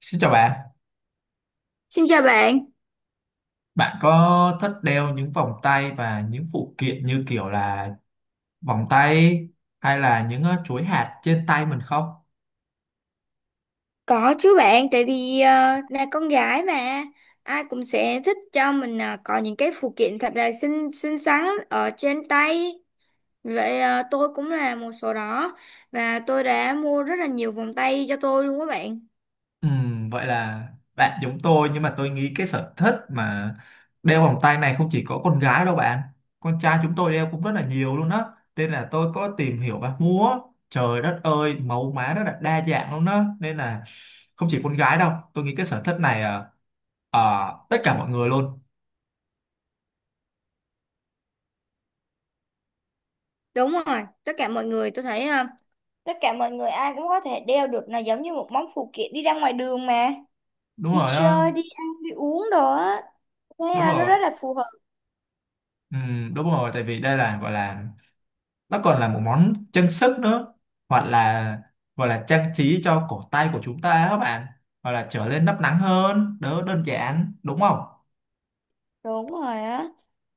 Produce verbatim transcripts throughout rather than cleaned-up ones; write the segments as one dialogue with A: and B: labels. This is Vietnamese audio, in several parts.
A: Xin chào bạn,
B: Xin chào bạn,
A: bạn có thích đeo những vòng tay và những phụ kiện như kiểu là vòng tay hay là những ờ, chuỗi hạt trên tay mình không?
B: có chứ bạn, tại vì ờ, là con gái mà ai cũng sẽ thích cho mình ờ, có những cái phụ kiện thật là xinh xinh xắn ở trên tay. Vậy ờ, tôi cũng là một số đó và tôi đã mua rất là nhiều vòng tay cho tôi luôn các bạn.
A: Ừm, vậy là bạn giống tôi, nhưng mà tôi nghĩ cái sở thích mà đeo vòng tay này không chỉ có con gái đâu bạn, con trai chúng tôi đeo cũng rất là nhiều luôn á, nên là tôi có tìm hiểu và mua. Trời đất ơi, mẫu mã rất là đa dạng luôn á, nên là không chỉ con gái đâu, tôi nghĩ cái sở thích này ờ, ờ, tất cả mọi người luôn.
B: Đúng rồi, tất cả mọi người tôi thấy ờ, tất cả mọi người ai cũng có thể đeo được, là giống như một món phụ kiện đi ra ngoài đường mà
A: Đúng
B: đi
A: rồi, á,
B: chơi, đi ăn, đi uống đồ á. Thấy
A: đúng
B: ờ, nó
A: rồi.
B: rất là phù hợp.
A: Ừ, đúng rồi, tại vì đây là gọi là nó còn là một món trang sức nữa, hoặc là gọi là trang trí cho cổ tay của chúng ta á các bạn, hoặc là trở nên nắp nắng hơn, đỡ đơn giản, đúng không?
B: Đúng rồi á.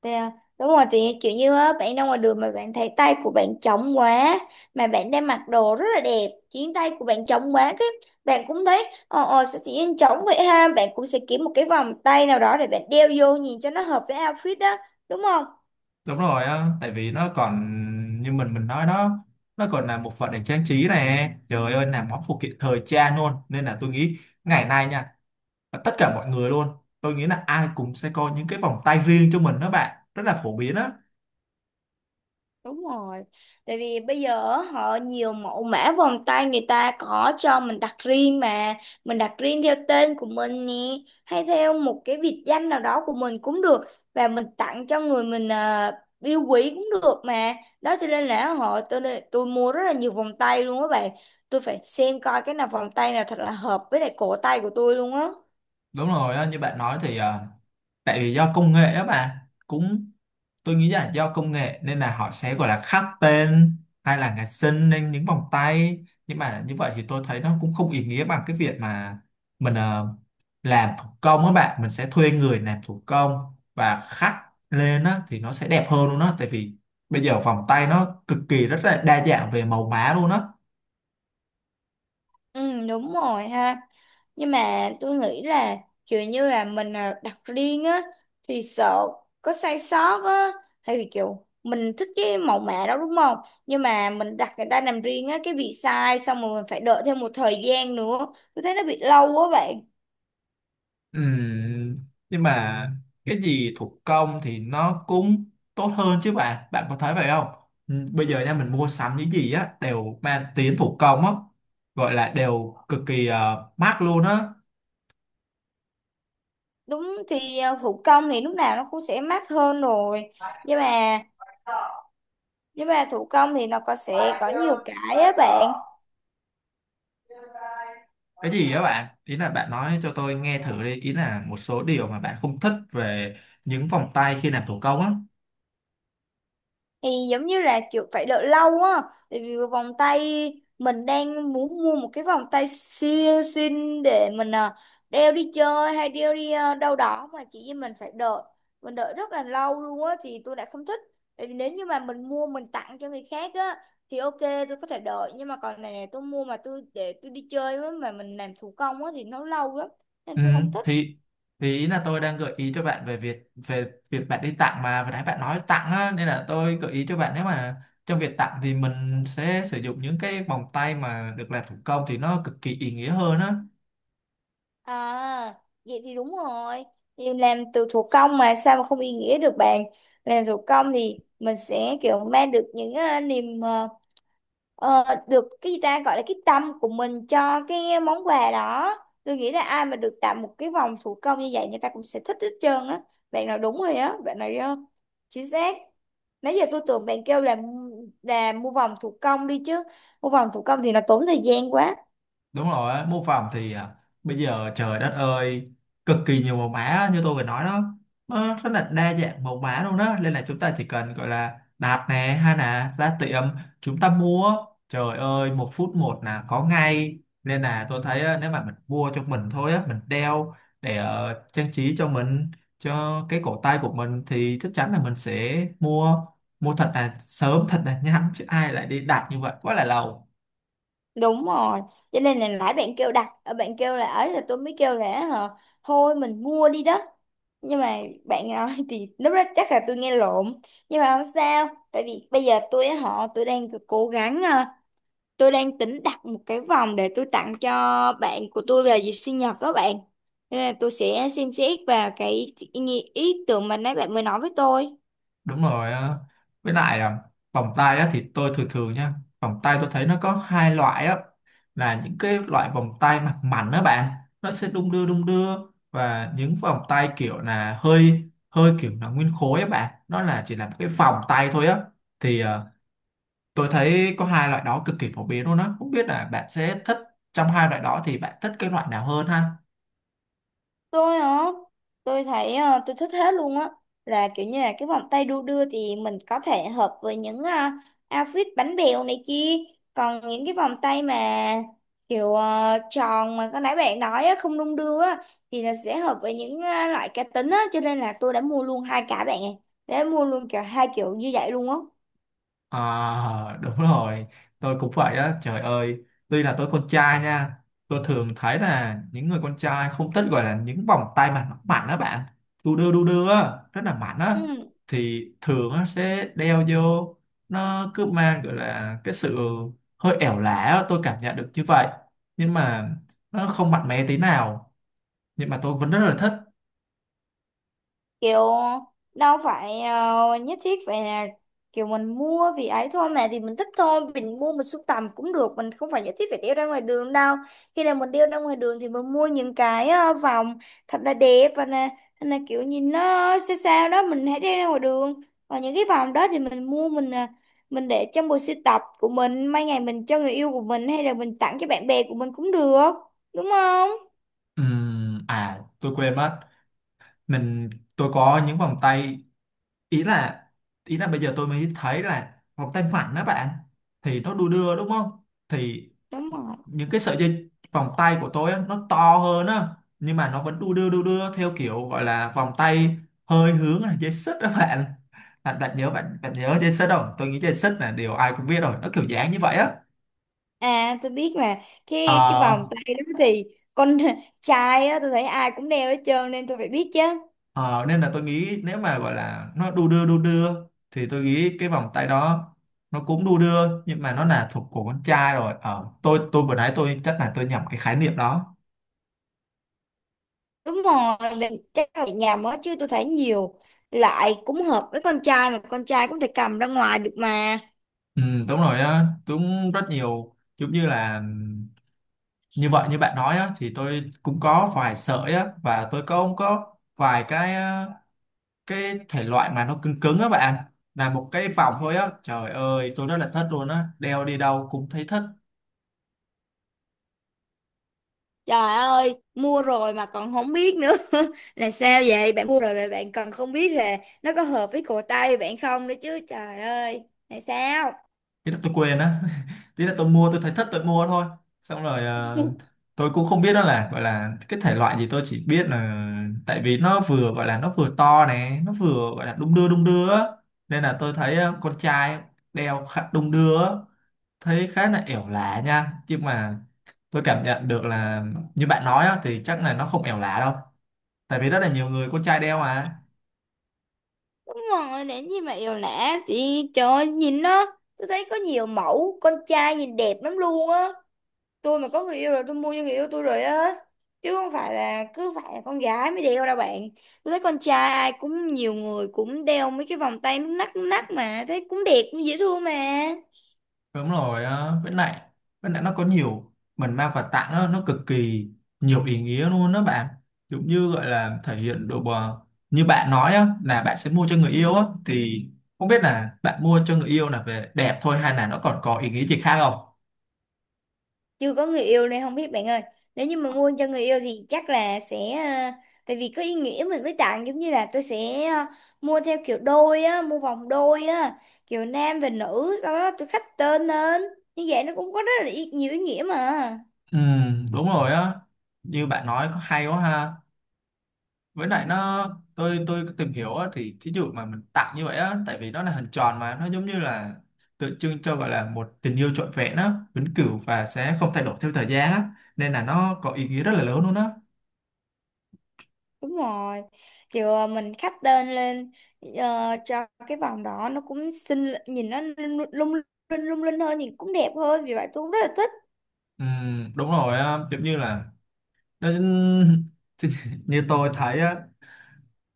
B: Thì, à, đúng rồi, thì kiểu như á, bạn ra ngoài đường mà bạn thấy tay của bạn trống quá, mà bạn đang mặc đồ rất là đẹp khiến tay của bạn trống quá, cái bạn cũng thấy ờ ờ sao tự nhiên trống vậy ha, bạn cũng sẽ kiếm một cái vòng tay nào đó để bạn đeo vô nhìn cho nó hợp với outfit đó, đúng không?
A: Đúng rồi, á, tại vì nó còn như mình mình nói đó, nó còn là một phần để trang trí này, trời ơi, là món phụ kiện thời trang luôn, nên là tôi nghĩ ngày nay nha, tất cả mọi người luôn, tôi nghĩ là ai cũng sẽ có những cái vòng tay riêng cho mình đó bạn, rất là phổ biến á.
B: Đúng rồi. Tại vì bây giờ á, họ nhiều mẫu mã vòng tay người ta có cho mình đặt riêng mà, mình đặt riêng theo tên của mình nè, hay theo một cái biệt danh nào đó của mình cũng được, và mình tặng cho người mình à, yêu quý cũng được mà. Đó cho nên là họ tôi tôi mua rất là nhiều vòng tay luôn á bạn. Tôi phải xem coi cái nào, vòng tay nào thật là hợp với lại cổ tay của tôi luôn á.
A: Đúng rồi á, như bạn nói thì ờ, tại vì do công nghệ á bạn, cũng tôi nghĩ là do công nghệ nên là họ sẽ gọi là khắc tên hay là ngày sinh lên những vòng tay, nhưng mà như vậy thì tôi thấy nó cũng không ý nghĩa bằng cái việc mà mình ờ, làm thủ công á bạn, mình sẽ thuê người làm thủ công và khắc lên á thì nó sẽ đẹp hơn luôn á, tại vì bây giờ vòng tay nó cực kỳ rất là đa dạng về màu mã luôn á.
B: Ừ, đúng rồi ha. Nhưng mà tôi nghĩ là kiểu như là mình à, đặt riêng á thì sợ có sai sót á, thì kiểu mình thích cái mẫu mã đó đúng không? Nhưng mà mình đặt người ta làm riêng á cái bị sai, xong rồi mình phải đợi thêm một thời gian nữa. Tôi thấy nó bị lâu quá bạn.
A: Ừm, nhưng mà cái gì thủ công thì nó cũng tốt hơn chứ bạn bạn có thấy vậy không? Ừm, bây giờ nha, mình mua sắm những gì á đều mang tiếng thủ công á, gọi là đều cực kỳ ờ, mắc luôn á.
B: Đúng thì à, thủ công thì lúc nào nó cũng sẽ mắc hơn rồi. Nhưng mà nhưng mà thủ công thì nó có sẽ có nhiều cái á bạn.
A: Cái gì á bạn, ý là bạn nói cho tôi nghe thử đi, ý là một số điều mà bạn không thích về những vòng tay khi làm thủ công á.
B: Thì giống như là kiểu phải đợi lâu á, tại vì vòng tay mình đang muốn mua một cái vòng tay siêu xinh để mình à, đeo đi chơi hay đeo đi à, đâu đó, mà chỉ vì mình phải đợi, mình đợi rất là lâu luôn á thì tôi lại không thích. Tại vì nếu như mà mình mua mình tặng cho người khác á thì ok, tôi có thể đợi, nhưng mà còn này này tôi mua mà tôi để tôi đi chơi với, mà mình làm thủ công á thì nó lâu lắm, nên
A: Ừ,
B: tôi không thích.
A: thì thì ý là tôi đang gợi ý cho bạn về việc, về việc bạn đi tặng mà vừa nãy bạn nói tặng á, nên là tôi gợi ý cho bạn nếu mà trong việc tặng thì mình sẽ sử dụng những cái vòng tay mà được làm thủ công, thì nó cực kỳ ý nghĩa hơn á.
B: À, vậy thì đúng rồi. Thì làm từ thủ công mà sao mà không ý nghĩa được bạn. Làm thủ công thì mình sẽ kiểu mang được những ờ, niềm ờ, ờ, được cái gì ta gọi là cái tâm của mình cho cái món quà đó. Tôi nghĩ là ai mà được tặng một cái vòng thủ công như vậy, người ta cũng sẽ thích hết trơn á. Bạn nói đúng rồi á, bạn nói ờ, chính xác. Nãy giờ tôi tưởng bạn kêu là là mua vòng thủ công đi chứ. Mua vòng thủ công thì nó tốn thời gian quá.
A: Đúng rồi á, mô phỏng thì à, bây giờ trời đất ơi, cực kỳ nhiều màu mã như tôi vừa nói đó, nó rất là đa dạng màu mã luôn đó, nên là chúng ta chỉ cần gọi là đặt nè, hay là ra tiệm chúng ta mua, trời ơi, một phút một là có ngay, nên là tôi thấy á, nếu mà mình mua cho mình thôi á, mình đeo để ờ, trang trí cho mình, cho cái cổ tay của mình, thì chắc chắn là mình sẽ mua, mua thật là sớm, thật là nhanh, chứ ai lại đi đặt như vậy quá là lâu.
B: Đúng rồi, cho nên là nãy bạn kêu đặt, ờ, bạn kêu là ấy, là tôi mới kêu là hả, thôi mình mua đi đó. Nhưng mà bạn nói thì lúc đó chắc là tôi nghe lộn. Nhưng mà không sao, tại vì bây giờ tôi á họ tôi đang cố gắng ờ, tôi đang tính đặt một cái vòng để tôi tặng cho bạn của tôi vào dịp sinh nhật các bạn. Thế nên là tôi sẽ xem xét vào cái ý, nghĩ- ý tưởng mà nãy bạn mới nói với tôi.
A: Đúng rồi á. Với lại à, vòng tay á, thì tôi thường thường nha, vòng tay tôi thấy nó có hai loại á, là những cái loại vòng tay mặt mảnh đó bạn, nó sẽ đung đưa đung đưa, và những vòng tay kiểu là hơi hơi kiểu là nguyên khối á bạn, nó là chỉ là một cái vòng tay thôi á, thì à, tôi thấy có hai loại đó cực kỳ phổ biến luôn á, không biết là bạn sẽ thích trong hai loại đó thì bạn thích cái loại nào hơn ha?
B: Tôi hả? Tôi thấy ờ, tôi thích hết luôn á, là kiểu như là cái vòng tay đu đưa thì mình có thể hợp với những ờ, outfit bánh bèo này kia, còn những cái vòng tay mà kiểu ờ, tròn mà cái nãy bạn nói á, không đung đưa á, thì là sẽ hợp với những ờ, loại cá tính á, cho nên là tôi đã mua luôn hai cả bạn ạ. Đã mua luôn kiểu hai kiểu như vậy luôn á.
A: À đúng rồi. Tôi cũng vậy á, trời ơi, tuy là tôi con trai nha, tôi thường thấy là những người con trai không thích gọi là những vòng tay mà nó mạnh á bạn, đu đưa đu đưa á, rất là mạnh á,
B: Ừ.
A: thì thường á sẽ đeo vô, nó cứ mang gọi là cái sự hơi ẻo lả á, tôi cảm nhận được như vậy. Nhưng mà nó không mạnh mẽ tí nào. Nhưng mà tôi vẫn rất là thích.
B: Kiểu đâu phải ờ, nhất thiết phải là kiểu mình mua vì ấy thôi, mà thì mình thích thôi mình mua, mình sưu tầm cũng được, mình không phải nhất thiết phải đeo ra ngoài đường đâu. Khi nào mình đeo ra ngoài đường thì mình mua những cái ờ, vòng thật là đẹp và là, là kiểu nhìn nó sao sao đó mình hãy đeo ra ngoài đường, và những cái vòng đó thì mình mua mình ờ, mình để trong bộ sưu tập của mình, mai ngày mình cho người yêu của mình hay là mình tặng cho bạn bè của mình cũng được, đúng không?
A: Ừm, À, tôi quên mất, Mình tôi có những vòng tay, ý là, ý là bây giờ tôi mới thấy là vòng tay phẳng đó bạn, thì nó đu đưa đúng không, thì
B: Đúng rồi.
A: những cái sợi dây vòng tay của tôi á, nó to hơn á, nhưng mà nó vẫn đu đưa đu đưa theo kiểu gọi là vòng tay hơi hướng là dây xích đó bạn. Bạn, bạn nhớ bạn bạn nhớ dây xích không? Tôi nghĩ dây xích là điều ai cũng biết rồi, nó kiểu dáng như vậy á.
B: À, tôi biết mà, cái cái
A: Ờ,
B: vòng tay đó thì con trai á tôi thấy ai cũng đeo hết trơn nên tôi phải biết chứ.
A: Ờ, Nên là tôi nghĩ nếu mà gọi là nó đu đưa đu đưa, thì tôi nghĩ cái vòng tay đó nó cũng đu đưa, nhưng mà nó là thuộc của con trai rồi, ờ, tôi tôi vừa nãy tôi chắc là tôi nhầm cái khái niệm đó.
B: Đúng rồi, mình chắc là nhà mới chứ tôi thấy nhiều loại cũng hợp với con trai, mà con trai cũng thể cầm ra ngoài được mà.
A: Ừ, đúng rồi á, đúng, rất nhiều, giống như là ừm, như vậy, như bạn nói á, thì tôi cũng có vài sợi á, và tôi có cũng có vài cái ờ, cái thể loại mà nó cứng cứng á bạn, là một cái vòng thôi á, trời ơi tôi rất là thất luôn á, đeo đi đâu cũng thấy thất.
B: Trời ơi, mua rồi mà còn không biết nữa là sao vậy? Bạn mua rồi mà bạn còn không biết là nó có hợp với cổ tay bạn không nữa chứ. Trời ơi, là sao?
A: Thế là tôi quên á thế là tôi mua, tôi thấy thất tôi mua thôi, xong rồi ờ, tôi cũng không biết đó là gọi là cái thể loại gì, tôi chỉ biết là tại vì nó vừa gọi là nó vừa to này, nó vừa gọi là đung đưa đung đưa á, nên là tôi thấy ờ, con trai đeo khá đung đưa á, thấy khá là ẻo lả nha, nhưng mà tôi cảm nhận được là như bạn nói á, thì chắc là nó không ẻo lả đâu, tại vì rất là nhiều người con trai đeo mà.
B: Đúng rồi, đến gì mà yêu lạ chị trời ơi, nhìn nó tôi thấy có nhiều mẫu con trai nhìn đẹp lắm luôn á. Tôi mà có người yêu rồi tôi mua cho người yêu tôi rồi á, chứ không phải là cứ phải là con gái mới đeo đâu bạn. Tôi thấy con trai ai cũng nhiều người cũng đeo mấy cái vòng tay nút nắt nút nắt mà thấy cũng đẹp cũng dễ thương mà.
A: Đúng rồi á, với lại, với lại nó có nhiều, mình mang quà tặng á, nó cực kỳ nhiều ý nghĩa luôn đó bạn, giống như gọi là thể hiện độ bờ, như bạn nói á, là bạn sẽ mua cho người yêu á, thì không biết là bạn mua cho người yêu là về đẹp thôi, hay là nó còn có ý nghĩa gì khác không?
B: Chưa có người yêu nên không biết bạn ơi. Nếu như mà mua cho người yêu thì chắc là sẽ ờ, tại vì có ý nghĩa mình mới tặng, giống như là tôi sẽ ờ, mua theo kiểu đôi á, mua vòng đôi á, kiểu nam và nữ sau đó tôi khắc tên lên, như vậy nó cũng có rất là ý- nhiều ý nghĩa mà.
A: Ừ, đúng rồi á, như bạn nói có hay quá ha. Với lại nó, tôi tôi tìm hiểu á, thì thí dụ mà mình tặng như vậy á, tại vì nó là hình tròn mà nó giống như là tượng trưng cho gọi là một tình yêu trọn vẹn á, vĩnh cửu và sẽ không thay đổi theo thời gian á, nên là nó có ý nghĩa rất là lớn luôn á.
B: Đúng rồi, kiểu ờ, mình khắc tên lên ờ, cho cái vòng đó nó cũng xinh, nhìn nó lung lung lung linh lung linh hơn, nhìn cũng đẹp hơn, vì vậy tôi cũng rất là thích.
A: Ừm, đúng rồi á, giống như là nó- như tôi thấy á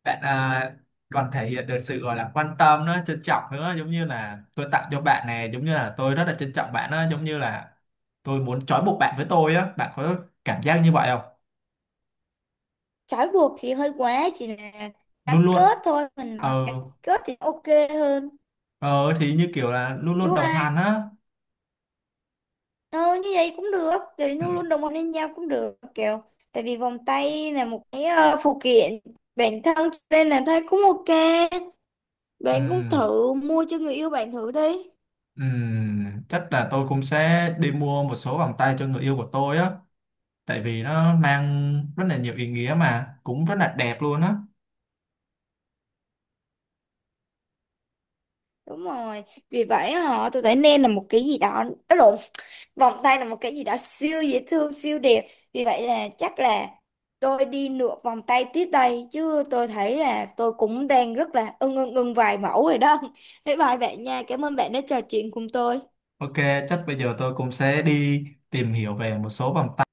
A: bạn à, còn thể hiện được sự gọi là quan tâm nữa, trân trọng nữa, giống như là tôi tặng cho bạn này, giống như là tôi rất là trân trọng bạn á, giống như là tôi muốn trói buộc bạn với tôi á, bạn có cảm giác như vậy không?
B: Trói buộc thì hơi quá, chỉ là gắn
A: Luôn luôn,
B: kết thôi, mình nói
A: ờ
B: gắn kết thì ok hơn.
A: ờ thì như kiểu là luôn luôn
B: Nhưng
A: đồng
B: mà
A: hành á.
B: ờ, như vậy cũng được, thì
A: Ừ,
B: nó luôn đồng hành với nhau cũng được kiểu, tại vì vòng tay là một cái ờ, phụ kiện bản thân, cho nên là thấy cũng ok.
A: ừ,
B: Bạn cũng thử mua cho người yêu bạn thử đi.
A: ừ. Chắc là tôi cũng sẽ đi mua một số vòng tay cho người yêu của tôi á, tại vì nó mang rất là nhiều ý nghĩa mà cũng rất là đẹp luôn á.
B: Đúng rồi, vì vậy họ tôi thấy nên là một cái gì đó, đó lộn, vòng tay là một cái gì đó siêu dễ thương siêu đẹp. Vì vậy là chắc là tôi đi nửa vòng tay tiếp đây chứ, tôi thấy là tôi cũng đang rất là ưng ưng ưng vài mẫu rồi đó. Bye bye bạn nha, cảm ơn bạn đã trò chuyện cùng tôi.
A: Ok, chắc bây giờ tôi cũng sẽ đi tìm hiểu về một số vòng tay.